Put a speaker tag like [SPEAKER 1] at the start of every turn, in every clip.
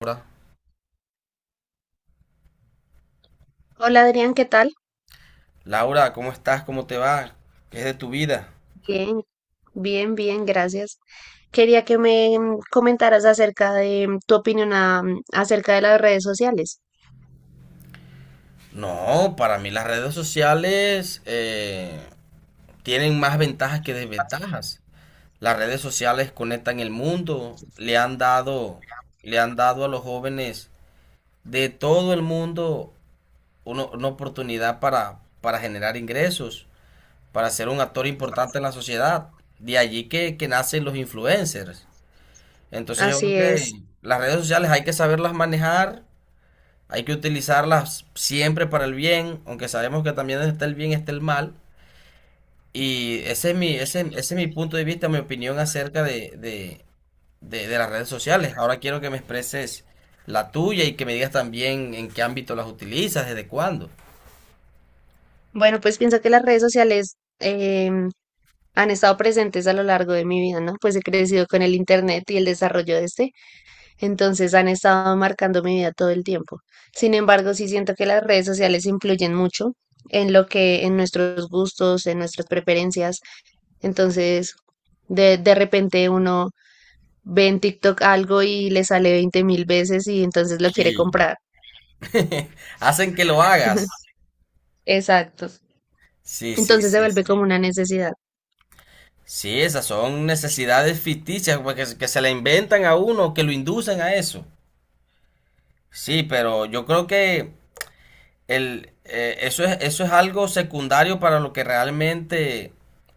[SPEAKER 1] Laura.
[SPEAKER 2] Hola Adrián, ¿qué tal?
[SPEAKER 1] Laura, ¿cómo estás? ¿Cómo te va? ¿Qué es de tu vida?
[SPEAKER 2] Bien, bien, bien, gracias. Quería que me comentaras acerca de tu opinión acerca de las redes sociales.
[SPEAKER 1] No, para mí las redes sociales tienen más ventajas que desventajas. Las redes sociales conectan el mundo, le han dado a los jóvenes de todo el mundo una oportunidad para generar ingresos, para ser un actor importante en la sociedad. De allí que nacen los influencers. Entonces yo
[SPEAKER 2] Así
[SPEAKER 1] creo
[SPEAKER 2] es.
[SPEAKER 1] que las redes sociales hay que saberlas manejar. Hay que utilizarlas siempre para el bien, aunque sabemos que también donde está el bien está el mal. Y ese es mi punto de vista, mi opinión acerca de las redes sociales. Ahora quiero que me expreses la tuya y que me digas también en qué ámbito las utilizas, desde cuándo.
[SPEAKER 2] Bueno, pues pienso que las redes sociales han estado presentes a lo largo de mi vida, ¿no? Pues he crecido con el internet y el desarrollo de este, entonces han estado marcando mi vida todo el tiempo. Sin embargo, sí siento que las redes sociales influyen mucho en lo que, en nuestros gustos, en nuestras preferencias. Entonces, de repente uno ve en TikTok algo y le sale 20.000 veces y entonces lo quiere
[SPEAKER 1] Sí.
[SPEAKER 2] comprar.
[SPEAKER 1] Hacen que lo hagas.
[SPEAKER 2] Exacto.
[SPEAKER 1] Sí, sí,
[SPEAKER 2] Entonces se
[SPEAKER 1] sí,
[SPEAKER 2] vuelve
[SPEAKER 1] sí.
[SPEAKER 2] como una necesidad.
[SPEAKER 1] Sí, esas son necesidades ficticias pues, que se le inventan a uno, que lo inducen a eso. Sí, pero yo creo que eso es algo secundario para lo que realmente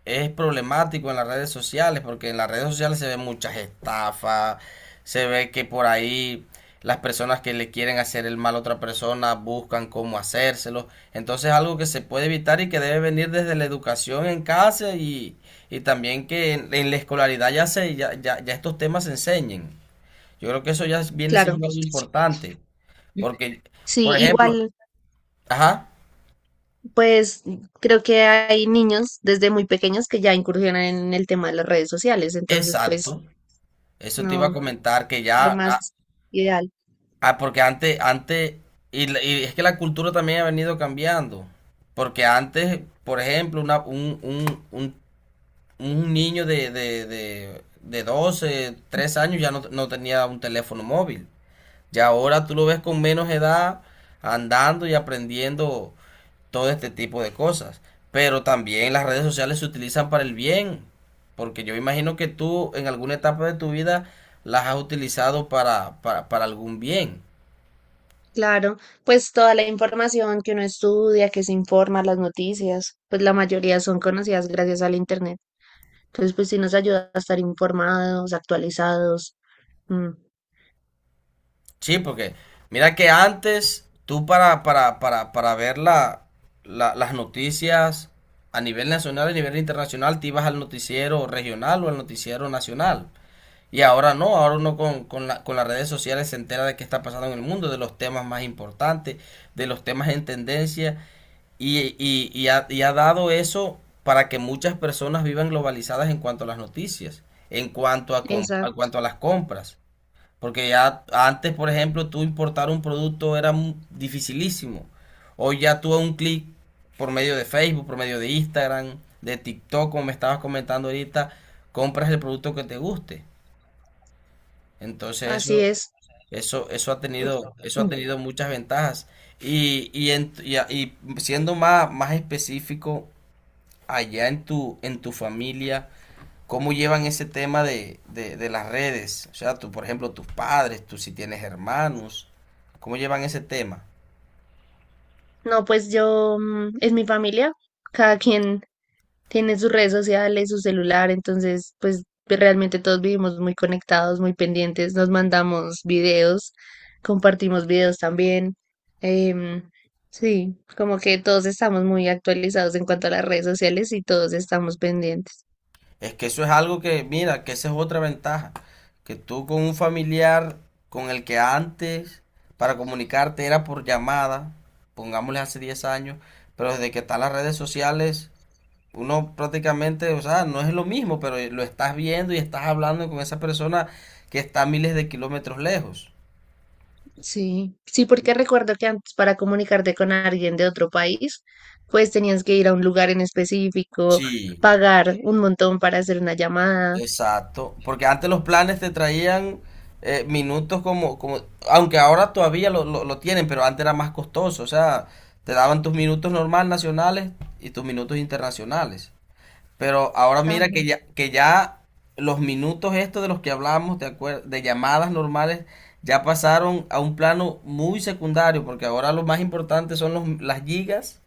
[SPEAKER 1] es problemático en las redes sociales, porque en las redes sociales se ven muchas estafas, se ve que por ahí las personas que le quieren hacer el mal a otra persona buscan cómo hacérselo. Entonces es algo que se puede evitar y que debe venir desde la educación en casa y también que en la escolaridad ya estos temas se enseñen. Yo creo que eso ya viene
[SPEAKER 2] Claro.
[SPEAKER 1] siendo algo importante, porque, por
[SPEAKER 2] Sí,
[SPEAKER 1] ejemplo,
[SPEAKER 2] igual,
[SPEAKER 1] ajá.
[SPEAKER 2] pues creo que hay niños desde muy pequeños que ya incursionan en el tema de las redes sociales, entonces pues
[SPEAKER 1] Exacto, eso te iba
[SPEAKER 2] no,
[SPEAKER 1] a
[SPEAKER 2] no
[SPEAKER 1] comentar que
[SPEAKER 2] es lo
[SPEAKER 1] ya,
[SPEAKER 2] más ideal.
[SPEAKER 1] porque antes, y es que la cultura también ha venido cambiando, porque antes, por ejemplo, un niño de 12 3 años ya no tenía un teléfono móvil, ya ahora tú lo ves con menos edad andando y aprendiendo todo este tipo de cosas. Pero también las redes sociales se utilizan para el bien, porque yo imagino que tú en alguna etapa de tu vida las has utilizado para algún bien.
[SPEAKER 2] Claro, pues toda la información que uno estudia, que se informa, las noticias, pues la mayoría son conocidas gracias al internet. Entonces, pues sí nos ayuda a estar informados, actualizados. Mm.
[SPEAKER 1] Sí, porque mira que antes tú para ver las noticias a nivel nacional, a nivel internacional, te ibas al noticiero regional o al noticiero nacional. Y ahora no, ahora uno con las redes sociales se entera de qué está pasando en el mundo, de los temas más importantes, de los temas en tendencia, y ha dado eso para que muchas personas vivan globalizadas en cuanto a las noticias, en cuanto a, com- a
[SPEAKER 2] Exacto.
[SPEAKER 1] cuanto a las compras. Porque ya antes, por ejemplo, tú importar un producto era dificilísimo. Hoy ya tú a un clic por medio de Facebook, por medio de Instagram, de TikTok, como me estabas comentando ahorita, compras el producto que te guste. Entonces
[SPEAKER 2] Así
[SPEAKER 1] eso,
[SPEAKER 2] es.
[SPEAKER 1] eso, eso ha tenido, eso ha
[SPEAKER 2] Mm.
[SPEAKER 1] tenido muchas ventajas. Y siendo más específico, allá en tu familia, ¿cómo llevan ese tema de las redes? O sea, tú, por ejemplo, tus padres, tú si tienes hermanos, ¿cómo llevan ese tema?
[SPEAKER 2] No, pues yo, es mi familia, cada quien tiene sus redes sociales, su celular, entonces, pues realmente todos vivimos muy conectados, muy pendientes, nos mandamos videos, compartimos videos también. em, sí, como que todos estamos muy actualizados en cuanto a las redes sociales y todos estamos pendientes.
[SPEAKER 1] Es que eso es algo que, mira, que esa es otra ventaja, que tú con un familiar con el que antes para comunicarte era por llamada, pongámosle hace 10 años, pero desde que están las redes sociales, uno prácticamente, o sea, no es lo mismo, pero lo estás viendo y estás hablando con esa persona que está a miles de kilómetros lejos.
[SPEAKER 2] Sí, sí, porque recuerdo que antes para comunicarte con alguien de otro país, pues tenías que ir a un lugar en específico,
[SPEAKER 1] Sí.
[SPEAKER 2] pagar un montón para hacer una llamada.
[SPEAKER 1] Exacto, porque antes los planes te traían minutos aunque ahora todavía lo tienen, pero antes era más costoso, o sea, te daban tus minutos normal nacionales y tus minutos internacionales. Pero ahora
[SPEAKER 2] Ajá,
[SPEAKER 1] mira que ya los minutos estos de los que hablamos, de llamadas normales, ya pasaron a un plano muy secundario, porque ahora lo más importante son las gigas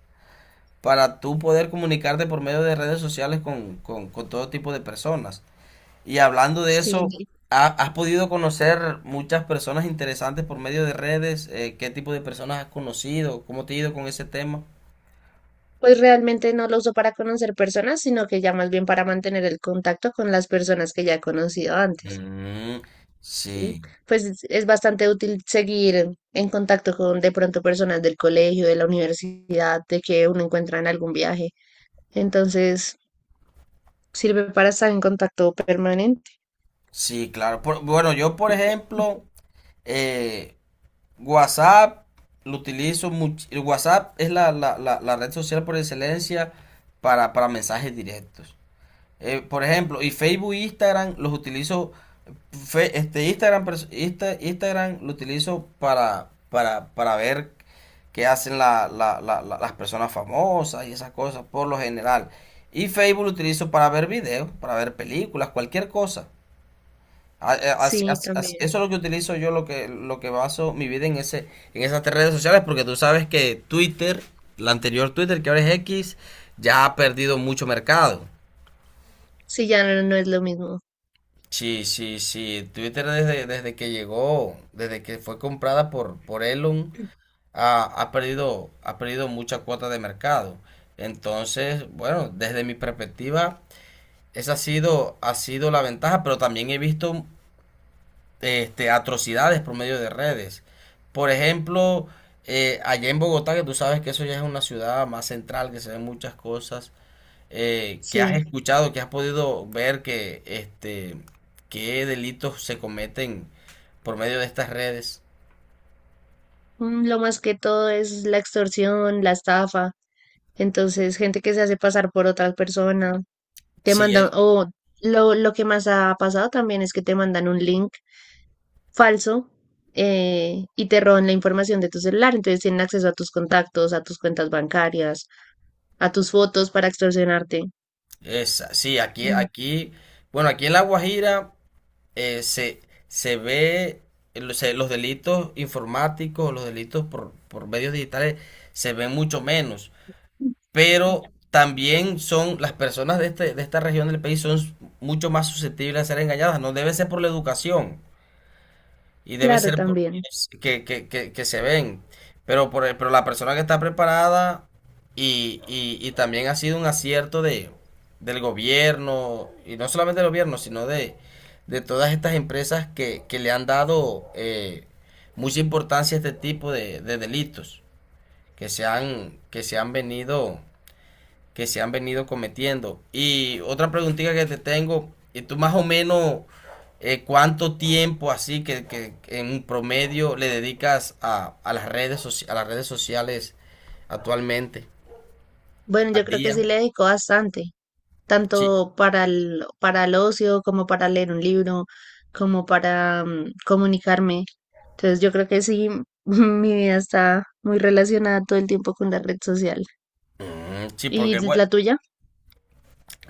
[SPEAKER 1] para tú poder comunicarte por medio de redes sociales con todo tipo de personas. Y hablando de
[SPEAKER 2] sí,
[SPEAKER 1] eso,
[SPEAKER 2] sí.
[SPEAKER 1] ¿has podido conocer muchas personas interesantes por medio de redes? ¿Qué tipo de personas has conocido? ¿Cómo te ha ido con ese tema?
[SPEAKER 2] Pues realmente no lo uso para conocer personas, sino que ya más bien para mantener el contacto con las personas que ya he conocido antes,
[SPEAKER 1] Mm,
[SPEAKER 2] ¿sí?
[SPEAKER 1] sí,
[SPEAKER 2] Pues es bastante útil seguir en contacto con de pronto personas del colegio, de la universidad, de que uno encuentra en algún viaje. Entonces, sirve para estar en contacto permanente.
[SPEAKER 1] sí, claro. Bueno, yo por ejemplo, eh, WhatsApp lo utilizo mucho. WhatsApp es la red social por excelencia para mensajes directos. Por ejemplo, y Facebook e Instagram los utilizo. Instagram lo utilizo para ver qué hacen las personas famosas y esas cosas por lo general. Y Facebook lo utilizo para ver videos, para ver películas, cualquier cosa.
[SPEAKER 2] Sí, también.
[SPEAKER 1] Eso es lo que utilizo yo, lo que baso mi vida en ese, en esas tres redes sociales, porque tú sabes que Twitter, la anterior Twitter que ahora es X, ya ha perdido mucho mercado.
[SPEAKER 2] Sí, ya no, no es lo mismo.
[SPEAKER 1] Sí, sí, sí. Twitter desde que llegó, desde que fue comprada por Elon, ha perdido mucha cuota de mercado. Entonces, bueno, desde mi perspectiva, esa ha sido la ventaja, pero también he visto atrocidades por medio de redes. Por ejemplo, allá en Bogotá, que tú sabes que eso ya es una ciudad más central, que se ven muchas cosas, que has
[SPEAKER 2] Sí.
[SPEAKER 1] escuchado, que has podido ver que qué delitos se cometen por medio de estas redes.
[SPEAKER 2] Mm. Lo más que todo es la extorsión, la estafa. Entonces, gente que se hace pasar por otra persona, te
[SPEAKER 1] Sí,
[SPEAKER 2] mandan, o lo que más ha pasado también es que te mandan un link falso, y te roban la información de tu celular. Entonces tienen acceso a tus contactos, a tus cuentas bancarias, a tus fotos para extorsionarte.
[SPEAKER 1] sí, aquí,
[SPEAKER 2] Mm.
[SPEAKER 1] aquí, bueno, aquí en La Guajira eh, se, se ve los delitos informáticos, los delitos por medios digitales se ven mucho menos, pero también son las personas de esta región del país son mucho más susceptibles a ser engañadas, no debe ser por la educación. Y debe
[SPEAKER 2] Claro,
[SPEAKER 1] ser
[SPEAKER 2] también.
[SPEAKER 1] pues, que se ven. Pero la persona que está preparada y también ha sido un acierto de, del gobierno, y no solamente del gobierno, sino de todas estas empresas que le han dado mucha importancia a este tipo de delitos que se han venido que se han venido cometiendo. Y otra preguntita que te tengo, ¿y tú más o menos cuánto tiempo así que en promedio le dedicas a las redes soci- a las redes sociales actualmente?
[SPEAKER 2] Bueno, yo
[SPEAKER 1] ¿Al
[SPEAKER 2] creo que
[SPEAKER 1] día?
[SPEAKER 2] sí le dedico bastante.
[SPEAKER 1] Sí,
[SPEAKER 2] Tanto para para el ocio como para leer un libro, como para comunicarme. Entonces yo creo que sí, mi vida está muy relacionada todo el tiempo con la red social.
[SPEAKER 1] Mm, sí,
[SPEAKER 2] ¿Y
[SPEAKER 1] porque bueno,
[SPEAKER 2] la tuya?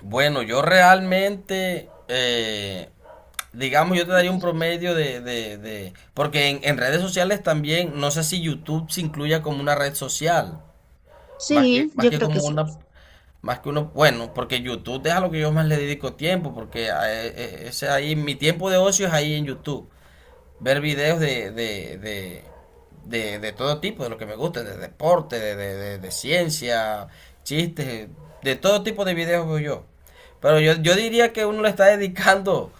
[SPEAKER 1] bueno, yo realmente, digamos, yo te daría un promedio de- porque en redes sociales también, no sé si YouTube se incluya como una red social, más que,
[SPEAKER 2] Sí,
[SPEAKER 1] más
[SPEAKER 2] yo
[SPEAKER 1] que
[SPEAKER 2] creo que
[SPEAKER 1] como
[SPEAKER 2] sí.
[SPEAKER 1] una... Más que uno, bueno, porque YouTube es a lo que yo más le dedico tiempo, porque ese ahí, mi tiempo de ocio es ahí en YouTube. Ver videos de todo tipo, de lo que me gusta, de deporte, de ciencia, chistes, de todo tipo de videos veo yo. Pero yo diría que uno le está dedicando,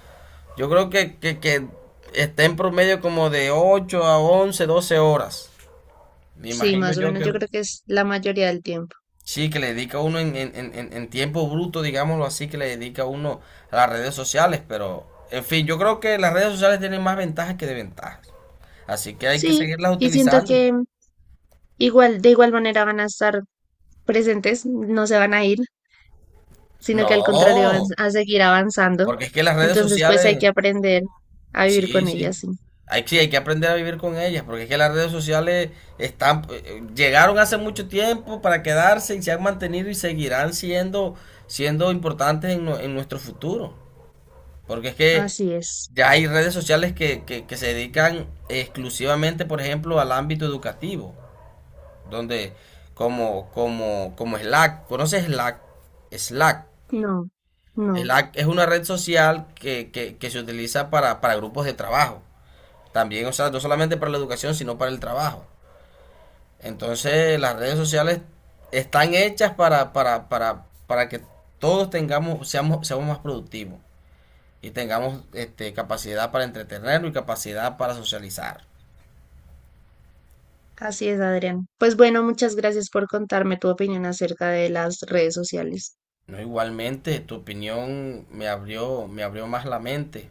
[SPEAKER 1] yo creo que está en promedio como de 8 a 11 12 horas. Me
[SPEAKER 2] Sí,
[SPEAKER 1] imagino
[SPEAKER 2] más o
[SPEAKER 1] yo
[SPEAKER 2] menos yo
[SPEAKER 1] que...
[SPEAKER 2] creo que es la mayoría del tiempo.
[SPEAKER 1] Sí, que le dedica uno en tiempo bruto, digámoslo así, que le dedica uno a las redes sociales, pero en fin, yo creo que las redes sociales tienen más ventajas que desventajas, así que hay que
[SPEAKER 2] Sí,
[SPEAKER 1] seguirlas
[SPEAKER 2] y siento
[SPEAKER 1] utilizando.
[SPEAKER 2] que igual, de igual manera van a estar presentes, no se van a ir, sino que al contrario van
[SPEAKER 1] No,
[SPEAKER 2] a seguir avanzando.
[SPEAKER 1] porque es que las redes
[SPEAKER 2] Entonces, pues hay que
[SPEAKER 1] sociales,
[SPEAKER 2] aprender a vivir
[SPEAKER 1] sí,
[SPEAKER 2] con
[SPEAKER 1] sí,
[SPEAKER 2] ellas, sí.
[SPEAKER 1] sí, hay que aprender a vivir con ellas, porque es que las redes sociales están, llegaron hace mucho tiempo para quedarse y se han mantenido y seguirán siendo importantes en nuestro futuro. Porque es que
[SPEAKER 2] Así es.
[SPEAKER 1] ya hay redes sociales que se dedican exclusivamente, por ejemplo, al ámbito educativo, donde como Slack, ¿conoces Slack? Slack.
[SPEAKER 2] No, no.
[SPEAKER 1] Slack es una red social que se utiliza para grupos de trabajo. También, o sea, no solamente para la educación, sino para el trabajo. Entonces, las redes sociales están hechas para que todos seamos más productivos y tengamos capacidad para entretenernos y capacidad para socializar.
[SPEAKER 2] Así es, Adrián. Pues bueno, muchas gracias por contarme tu opinión acerca de las redes sociales.
[SPEAKER 1] No, igualmente, tu opinión me abrió más la mente.